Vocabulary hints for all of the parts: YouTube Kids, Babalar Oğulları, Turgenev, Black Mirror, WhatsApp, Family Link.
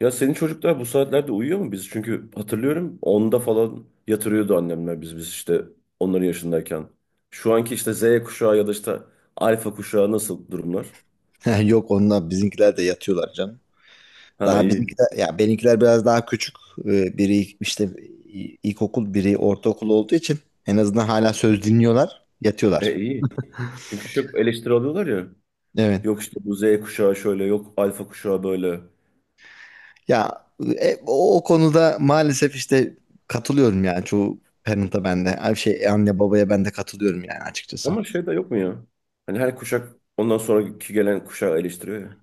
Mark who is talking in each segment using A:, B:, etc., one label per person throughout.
A: Ya senin çocuklar bu saatlerde uyuyor mu? Çünkü hatırlıyorum onda falan yatırıyordu annemler biz işte onların yaşındayken. Şu anki işte Z kuşağı ya da işte alfa kuşağı nasıl durumlar?
B: Yok, onlar bizimkiler de yatıyorlar canım.
A: Ha,
B: Daha
A: iyi.
B: bizimkiler ya benimkiler biraz daha küçük. Biri işte ilkokul, biri ortaokul olduğu için en azından hala söz dinliyorlar,
A: E,
B: yatıyorlar.
A: iyi. Çünkü çok eleştiri alıyorlar ya.
B: Evet.
A: Yok işte bu Z kuşağı şöyle, yok alfa kuşağı böyle.
B: Ya o konuda maalesef işte katılıyorum yani çoğu parent'a ben de. Ay, şey anne babaya ben de katılıyorum yani açıkçası.
A: Ama şey de yok mu ya? Hani her kuşak ondan sonraki gelen kuşağı eleştiriyor ya.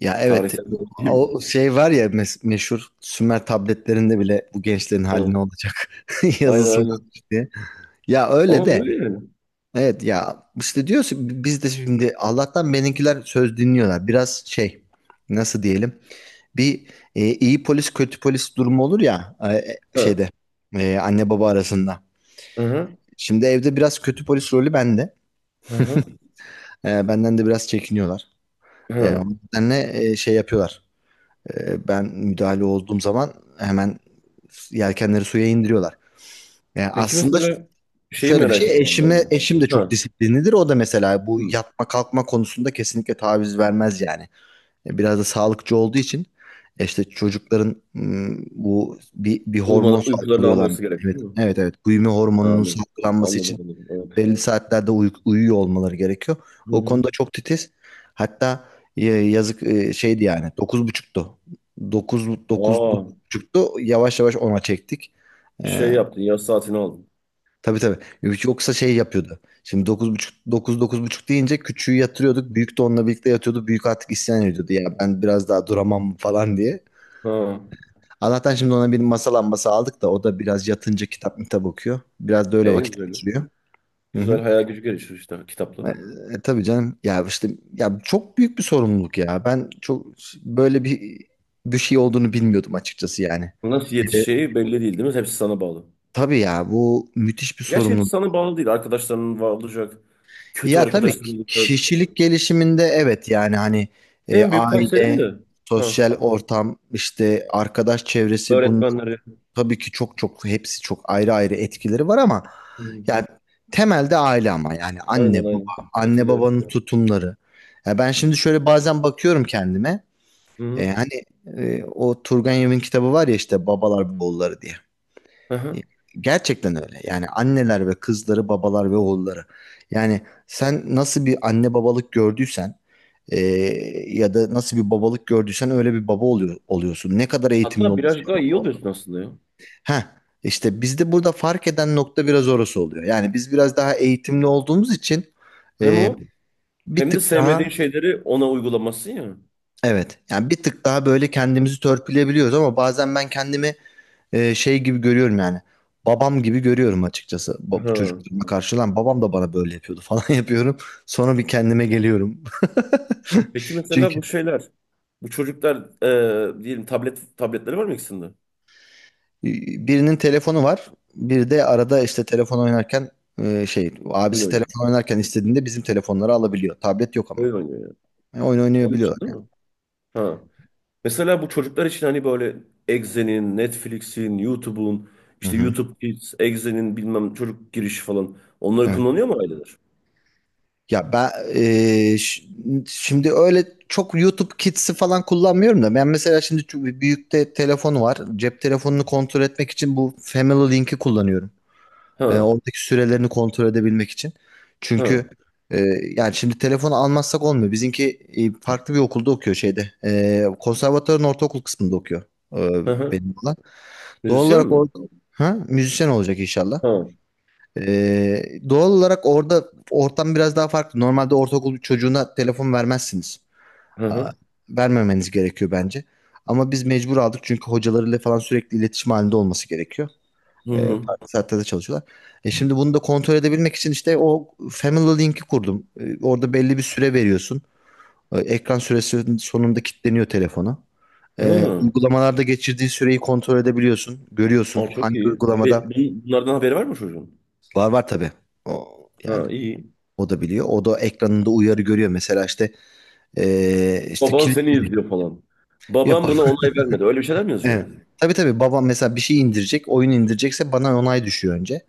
B: Ya evet,
A: Tarihsel bir olgu değil mi?
B: o şey var ya, meşhur Sümer tabletlerinde bile bu gençlerin hali ne
A: Ha.
B: olacak
A: Aynen,
B: yazısı var
A: aynen.
B: diye. Ya öyle
A: Ama
B: de.
A: öyle yani.
B: Evet ya işte diyorsun, biz de şimdi Allah'tan benimkiler söz dinliyorlar. Biraz şey, nasıl diyelim, bir iyi polis kötü polis durumu olur ya,
A: Ha.
B: şeyde, anne baba arasında.
A: Hı hı.
B: Şimdi evde biraz kötü polis rolü bende.
A: Hı hı.
B: Benden de biraz çekiniyorlar. O
A: Hı.
B: nedenle şey yapıyorlar. Ben müdahale olduğum zaman hemen yelkenleri suya indiriyorlar. E,
A: Peki
B: aslında
A: mesela şeyi
B: Şöyle bir
A: merak
B: şey,
A: ediyorum
B: eşim de
A: ben ya.
B: çok
A: Ha,
B: disiplinlidir. O da mesela bu
A: hı.
B: yatma kalkma konusunda kesinlikle taviz vermez yani. Biraz da sağlıkçı olduğu için işte çocukların bu bir
A: Uyuma,
B: hormon
A: uykularını
B: salgılıyorlar.
A: alması gerek
B: Evet
A: değil mi?
B: evet evet. Büyüme hormonunun
A: Anladım.
B: salgılanması
A: Anladım,
B: için
A: anladım. Evet.
B: belli saatlerde uyuyor olmaları gerekiyor.
A: Hı
B: O
A: hı.
B: konuda çok titiz. Hatta yazık, şeydi yani dokuz buçuktu, dokuz
A: Aa,
B: buçuktu. Yavaş yavaş ona çektik.
A: şey yaptın, yaz saatini aldın.
B: Tabii tabii. Yoksa şey yapıyordu. Şimdi dokuz buçuk, dokuz buçuk deyince küçüğü yatırıyorduk. Büyük de onunla birlikte yatıyordu. Büyük artık isyan ediyordu. Ya ben biraz daha duramam falan diye.
A: Ha,
B: Allah'tan şimdi ona bir masa lambası aldık da o da biraz yatınca kitap kitap okuyor. Biraz da öyle
A: en
B: vakit
A: güzeli.
B: geçiriyor. Hı
A: Güzel,
B: hı.
A: hayal gücü gelişir işte kitapla.
B: Tabii canım. Ya işte, ya çok büyük bir sorumluluk ya. Ben çok böyle bir şey olduğunu bilmiyordum açıkçası yani.
A: Nasıl
B: Bir
A: yetişeceği belli değil, değil mi? Hepsi sana bağlı.
B: Tabii ya, bu müthiş bir
A: Gerçi hepsi
B: sorumluluk.
A: sana bağlı değil. Arkadaşların var, olacak. Kötü
B: Ya tabii
A: arkadaşların
B: ki
A: olacak.
B: kişilik gelişiminde evet yani hani,
A: En büyük pay senin
B: aile,
A: de. Ha,
B: sosyal ortam, işte arkadaş çevresi, bunun
A: öğretmenleri.
B: tabii ki çok çok hepsi çok ayrı ayrı etkileri var ama
A: Hı.
B: yani temelde aile, ama yani
A: Aynen,
B: anne
A: aynen.
B: baba, anne
A: Katılıyorum.
B: babanın tutumları. Ya ben şimdi şöyle bazen bakıyorum kendime.
A: Hı hı.
B: Hani, o Turgenev'in kitabı var ya, işte Babalar Oğulları diye.
A: Hı hı.
B: Gerçekten öyle. Yani anneler ve kızları, babalar ve oğulları. Yani sen nasıl bir anne babalık gördüysen, e, ya da nasıl bir babalık gördüysen öyle bir baba oluyor, oluyorsun. Ne kadar eğitimli
A: Hatta birazcık
B: olursan
A: daha iyi
B: ol.
A: oluyorsun aslında ya.
B: Heh, işte bizde burada fark eden nokta biraz orası oluyor. Yani biz biraz daha eğitimli olduğumuz için
A: Hem
B: e,
A: o
B: bir
A: hem de
B: tık daha,
A: sevmediğin şeyleri ona uygulamasın ya.
B: evet yani bir tık daha böyle kendimizi törpüleyebiliyoruz, ama bazen ben kendimi şey gibi görüyorum yani. Babam gibi görüyorum açıkçası.
A: Ha.
B: Çocukluğuma karşı lan babam da bana böyle yapıyordu, falan yapıyorum. Sonra bir kendime geliyorum.
A: Peki mesela
B: Çünkü
A: bu şeyler, bu çocuklar, diyelim tabletleri var mı ikisinde?
B: birinin telefonu var. Bir de arada işte telefon oynarken, şey,
A: Oyun
B: abisi
A: oynuyor.
B: telefon oynarken istediğinde bizim telefonları alabiliyor. Tablet yok ama.
A: Oyun oynuyor ya.
B: Yani oyun
A: Oyun
B: oynayabiliyorlar
A: için değil mi? Ha. Mesela bu çocuklar için hani böyle Exe'nin, Netflix'in, YouTube'un,
B: yani.
A: işte
B: Hı hı.
A: YouTube Kids, Exe'nin bilmem çocuk girişi falan. Onları
B: Evet.
A: kullanıyor mu aileler?
B: Ya ben eee, ş- şimdi öyle çok YouTube Kids'i falan kullanmıyorum da, ben mesela şimdi büyükte telefon var. Cep telefonunu kontrol etmek için bu Family Link'i kullanıyorum.
A: Ha.
B: Oradaki sürelerini kontrol edebilmek için. Çünkü
A: Ha.
B: yani şimdi telefonu almazsak olmuyor. Bizimki farklı bir okulda okuyor şeyde. Konservatuvarın ortaokul kısmında okuyor, eee,
A: Hı hı.
B: benim olan. Doğal
A: Müzisyen
B: olarak
A: mi?
B: orada, ha, müzisyen olacak inşallah.
A: Ha.
B: Ee, Doğal olarak orada ortam biraz daha farklı. Normalde ortaokul çocuğuna telefon vermezsiniz.
A: Hı
B: Aa,
A: hı.
B: vermemeniz gerekiyor bence. Ama biz mecbur aldık, çünkü hocalarıyla falan sürekli iletişim halinde olması gerekiyor.
A: Hı hı.
B: Farklı saatlerde çalışıyorlar. Şimdi bunu da kontrol edebilmek için işte o Family Link'i kurdum. Orada belli bir süre veriyorsun. Ekran süresinin sonunda kilitleniyor telefonu.
A: Ha.
B: Uygulamalarda geçirdiği süreyi kontrol edebiliyorsun. Görüyorsun
A: Aa, çok
B: hangi
A: iyi. E,
B: uygulamada.
A: bunlardan haberi var mı çocuğun?
B: Var var, tabii. O,
A: Ha,
B: yani.
A: iyi.
B: O da biliyor. O da ekranında uyarı görüyor. Mesela işte işte
A: Baban seni
B: kilitli
A: izliyor falan.
B: ya,
A: Baban
B: bak.
A: buna onay vermedi. Öyle bir şeyler mi yazıyor?
B: Evet. Tabii tabii, babam mesela bir şey indirecek, oyun indirecekse bana onay düşüyor önce.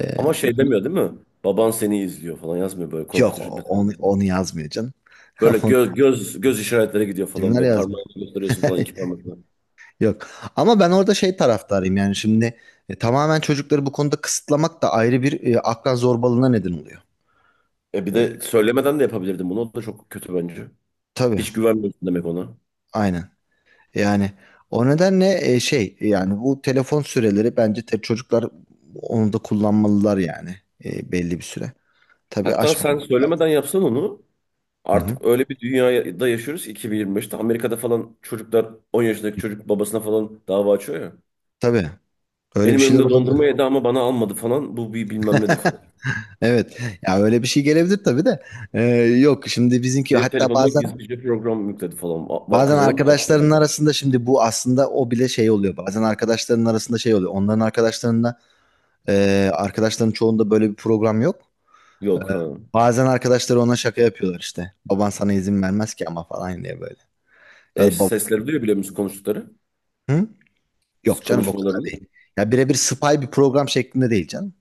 B: Eee,
A: Ama şey demiyor değil mi? Baban seni izliyor falan yazmıyor böyle
B: Yok,
A: korkutucu.
B: onu yazmıyor canım.
A: Böyle
B: Onu
A: göz göz göz işaretleri gidiyor falan,
B: kimler
A: böyle
B: yazmıyor.
A: parmağını gösteriyorsun falan iki parmakla.
B: Yok. Ama ben orada şey taraftarıyım yani, şimdi tamamen çocukları bu konuda kısıtlamak da ayrı bir akran zorbalığına neden oluyor.
A: E, bir
B: E,
A: de söylemeden de yapabilirdin bunu. O da çok kötü bence.
B: tabii.
A: Hiç güvenmiyorsun demek ona.
B: Aynen. Yani o nedenle şey yani, bu telefon süreleri bence, çocuklar onu da kullanmalılar yani, belli bir süre. Tabii
A: Hatta sen
B: aşmıyor.
A: söylemeden yapsan onu,
B: Hı hı.
A: artık öyle bir dünyada yaşıyoruz ki 2025'te Amerika'da falan çocuklar 10 yaşındaki çocuk babasına falan dava açıyor ya.
B: Tabii. Öyle bir
A: Benim
B: şeyler
A: önümde dondurma
B: olabilir.
A: yedi ama bana almadı falan. Bu bir bilmem nedir falan.
B: Evet. Ya öyle bir şey gelebilir tabii de. Ee, Yok, şimdi bizimki
A: Benim
B: hatta
A: telefonuma gizlice program yükledi falan.
B: bazen
A: Kazanır da.
B: arkadaşlarının arasında, şimdi bu aslında o bile şey oluyor. Bazen arkadaşlarının arasında şey oluyor. Onların arkadaşlarında, arkadaşların çoğunda böyle bir program yok.
A: Yok ha.
B: Bazen arkadaşları ona şaka yapıyorlar işte. Baban sana izin vermez ki ama falan diye, böyle. Ya
A: E,
B: da.
A: sesleri duyuyor, biliyor musun, konuştukları?
B: Hı?
A: Kız
B: Yok canım, o kadar
A: konuşmalarını.
B: değil. Ya birebir spy bir program şeklinde değil canım.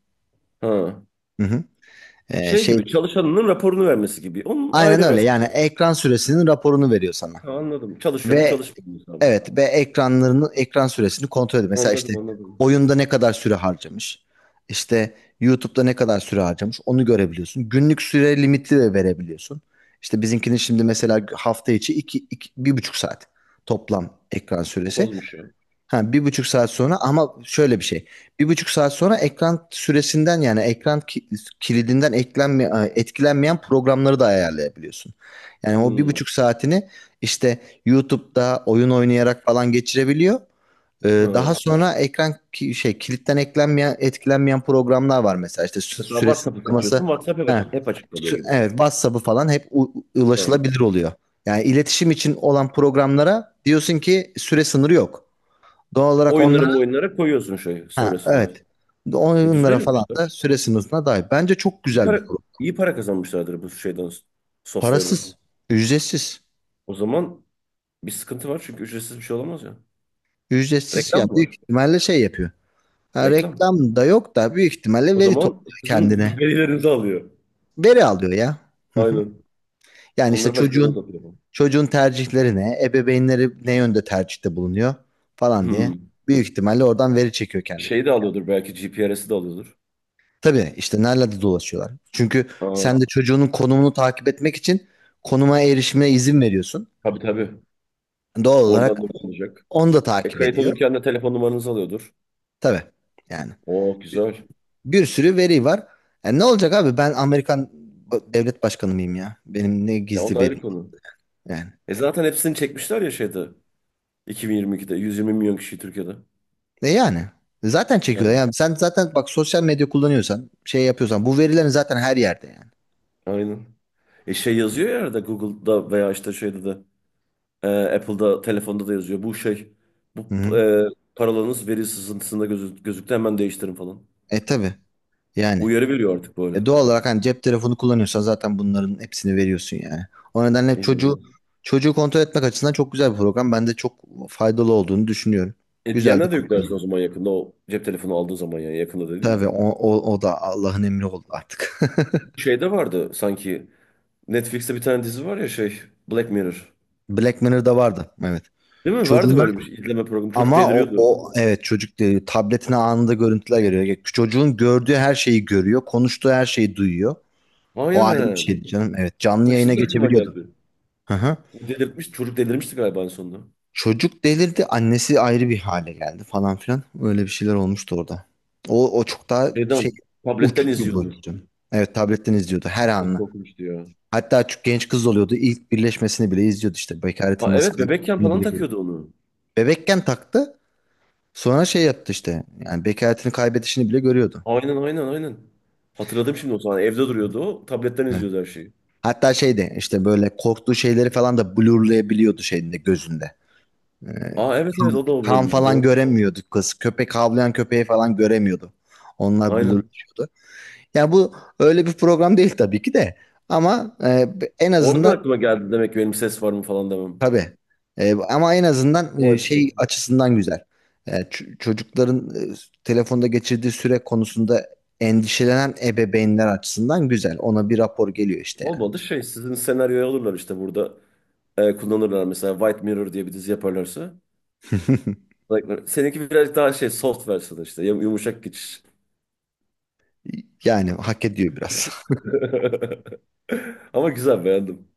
A: Ha.
B: Hı hı.
A: Şey
B: Şey,
A: gibi, çalışanının raporunu vermesi gibi. Onun
B: aynen
A: aile
B: öyle
A: versiyonu.
B: yani, ekran süresinin raporunu veriyor sana.
A: Ha, anladım. Çalışıyor mu
B: Ve
A: çalışmıyor mu hesabı.
B: evet, ve ekran süresini kontrol ediyor. Mesela işte
A: Anladım, anladım.
B: oyunda ne kadar süre harcamış. İşte YouTube'da ne kadar süre harcamış, onu görebiliyorsun. Günlük süre limiti de verebiliyorsun. İşte bizimkinin şimdi mesela hafta içi iki, iki, 1,5 saat toplam ekran
A: Çok
B: süresi.
A: azmış ya.
B: Ha, 1,5 saat sonra ama şöyle bir şey. 1,5 saat sonra ekran süresinden yani, kilidinden, etkilenmeyen programları da ayarlayabiliyorsun. Yani o bir
A: Hmm.
B: buçuk saatini işte YouTube'da oyun oynayarak falan geçirebiliyor. Daha
A: Ha.
B: sonra ekran ki- şey kilitten etkilenmeyen programlar var, mesela işte
A: Mesela
B: süre
A: WhatsApp'ı seçiyorsun.
B: sınırlaması.
A: WhatsApp hep
B: He.
A: açık, hep açık kalıyor gibi.
B: Evet, WhatsApp'ı falan hep
A: Ha.
B: ulaşılabilir oluyor. Yani iletişim için olan programlara diyorsun ki süre sınırı yok. Doğal olarak
A: Oyunları,
B: onlara,
A: oyunlara koyuyorsun şey
B: ha,
A: sonrasında.
B: evet.
A: E,
B: Onlara
A: güzel
B: falan
A: yapmışlar.
B: da süre sınırına dahil. Bence çok
A: İyi
B: güzel bir
A: para,
B: program.
A: iyi para kazanmışlardır bu şeyden, software'dan.
B: Parasız, ücretsiz.
A: O zaman bir sıkıntı var, çünkü ücretsiz bir şey olamaz ya.
B: Ücretsiz
A: Reklam
B: yani
A: mı var?
B: büyük ihtimalle şey yapıyor. Ha,
A: Reklam.
B: reklam da yok da büyük ihtimalle
A: O
B: veri
A: zaman
B: topluyor
A: sizin
B: kendine.
A: verilerinizi alıyor.
B: Veri alıyor ya. Hı hı.
A: Aynen.
B: Yani işte
A: Onları başkalarına satıyor bu.
B: çocuğun tercihleri ne, ebeveynleri ne yönde tercihte bulunuyor falan diye
A: Hmm.
B: büyük ihtimalle oradan veri çekiyor kendine.
A: Şey de alıyordur, belki GPRS'i de alıyordur.
B: Tabii, işte nerelerde dolaşıyorlar. Çünkü
A: Ha,
B: sen de çocuğunun konumunu takip etmek için konuma erişimine izin veriyorsun.
A: tabii, tabii.
B: Doğal olarak
A: Oradan da alacak.
B: onu da
A: E,
B: takip
A: kayıt
B: ediyor.
A: olurken de telefon numaranızı alıyordur.
B: Tabii yani.
A: Oo, güzel.
B: Bir sürü veri var. Yani ne olacak abi, ben Amerikan devlet başkanı mıyım ya? Benim ne
A: Ya, o
B: gizli
A: da
B: verim
A: ayrı konu.
B: yani.
A: E, zaten hepsini çekmişler ya şeyde. 2022'de 120 milyon kişi Türkiye'de.
B: Yani. Zaten çekiyor.
A: Yani
B: Yani sen zaten bak, sosyal medya kullanıyorsan, şey yapıyorsan, bu verilerin zaten her yerde yani.
A: aynen. E, şey yazıyor ya arada Google'da veya işte şeyde de Apple'da, telefonda da yazıyor. Bu şey bu
B: Hı-hı.
A: e, Paralarınız veri sızıntısında gözüktü, hemen değiştirin falan.
B: Tabii yani.
A: Uyarı veriyor artık böyle.
B: Doğal olarak hani cep telefonu kullanıyorsan zaten bunların hepsini veriyorsun yani. O nedenle
A: İnanılmaz.
B: çocuğu kontrol etmek açısından çok güzel bir program. Ben de çok faydalı olduğunu düşünüyorum.
A: E,
B: Güzel de
A: diğerine de yüklersin o
B: kullanıyorum.
A: zaman, yakında, o cep telefonu aldığı zaman, yani yakında
B: Tabii
A: dediğim.
B: o da Allah'ın emri oldu artık.
A: Şeyde vardı sanki, Netflix'te bir tane dizi var ya şey, Black Mirror.
B: Black Mirror'da vardı. Evet.
A: Değil mi? Vardı
B: Çocuğuna,
A: böyle bir şey, izleme programı. Çocuk
B: ama o,
A: deliriyordu.
B: o evet, çocuk diyor, tabletine anında görüntüler geliyor. Çocuğun gördüğü her şeyi görüyor. Konuştuğu her şeyi duyuyor. O ayrı bir
A: Aynen.
B: şeydi canım. Evet, canlı
A: Bak,
B: yayına
A: şimdi aklıma
B: geçebiliyordu.
A: geldi.
B: Hı hı.
A: O delirtmiş, çocuk delirmişti galiba en sonunda.
B: Çocuk delirdi. Annesi ayrı bir hale geldi falan filan. Öyle bir şeyler olmuştu orada. O çok daha şey,
A: Şeyden,
B: uç
A: tabletten
B: bir boyuttu
A: izliyordu.
B: canım. Evet, tabletten izliyordu her
A: Çok
B: anını.
A: korkmuştu ya.
B: Hatta çok genç kız oluyordu. İlk birleşmesini bile izliyordu işte.
A: Ha,
B: Bekaretin nasıl
A: evet, bebekken
B: kızardığını
A: falan
B: bile görüyordu.
A: takıyordu onu.
B: Bebekken taktı. Sonra şey yaptı işte. Yani bekaretini kaybedişini bile görüyordu.
A: Aynen, aynen, aynen. Hatırladım şimdi o sahneyi. Evde duruyordu o. Tabletten
B: Evet.
A: izliyordu her şeyi.
B: Hatta şeyde işte böyle korktuğu şeyleri falan da blurlayabiliyordu şeyinde, gözünde. Ee,
A: Aa, evet evet,
B: kan,
A: o da o
B: kan
A: bölümdü,
B: falan
A: doğru.
B: göremiyordu kız. Köpek, havlayan köpeği falan göremiyordu. Onlar
A: Aynen.
B: blurlaşıyordu. Yani bu öyle bir program değil tabii ki de. Ama en
A: Oradan
B: azından.
A: aklıma geldi demek ki benim ses var mı falan demem.
B: Tabii. Ama en azından
A: Vay be
B: şey
A: zaten.
B: açısından güzel. Çocukların, telefonda geçirdiği süre konusunda endişelenen ebeveynler açısından güzel. Ona bir rapor geliyor işte yani.
A: Olmadı, şey, sizin senaryoya alırlar işte burada. Kullanırlar mesela, White Mirror diye bir dizi yaparlarsa. Like, seninki birazcık daha şey, soft versiyonu işte, yumuşak geçiş.
B: Yani hak ediyor biraz.
A: Ama güzel, beğendim.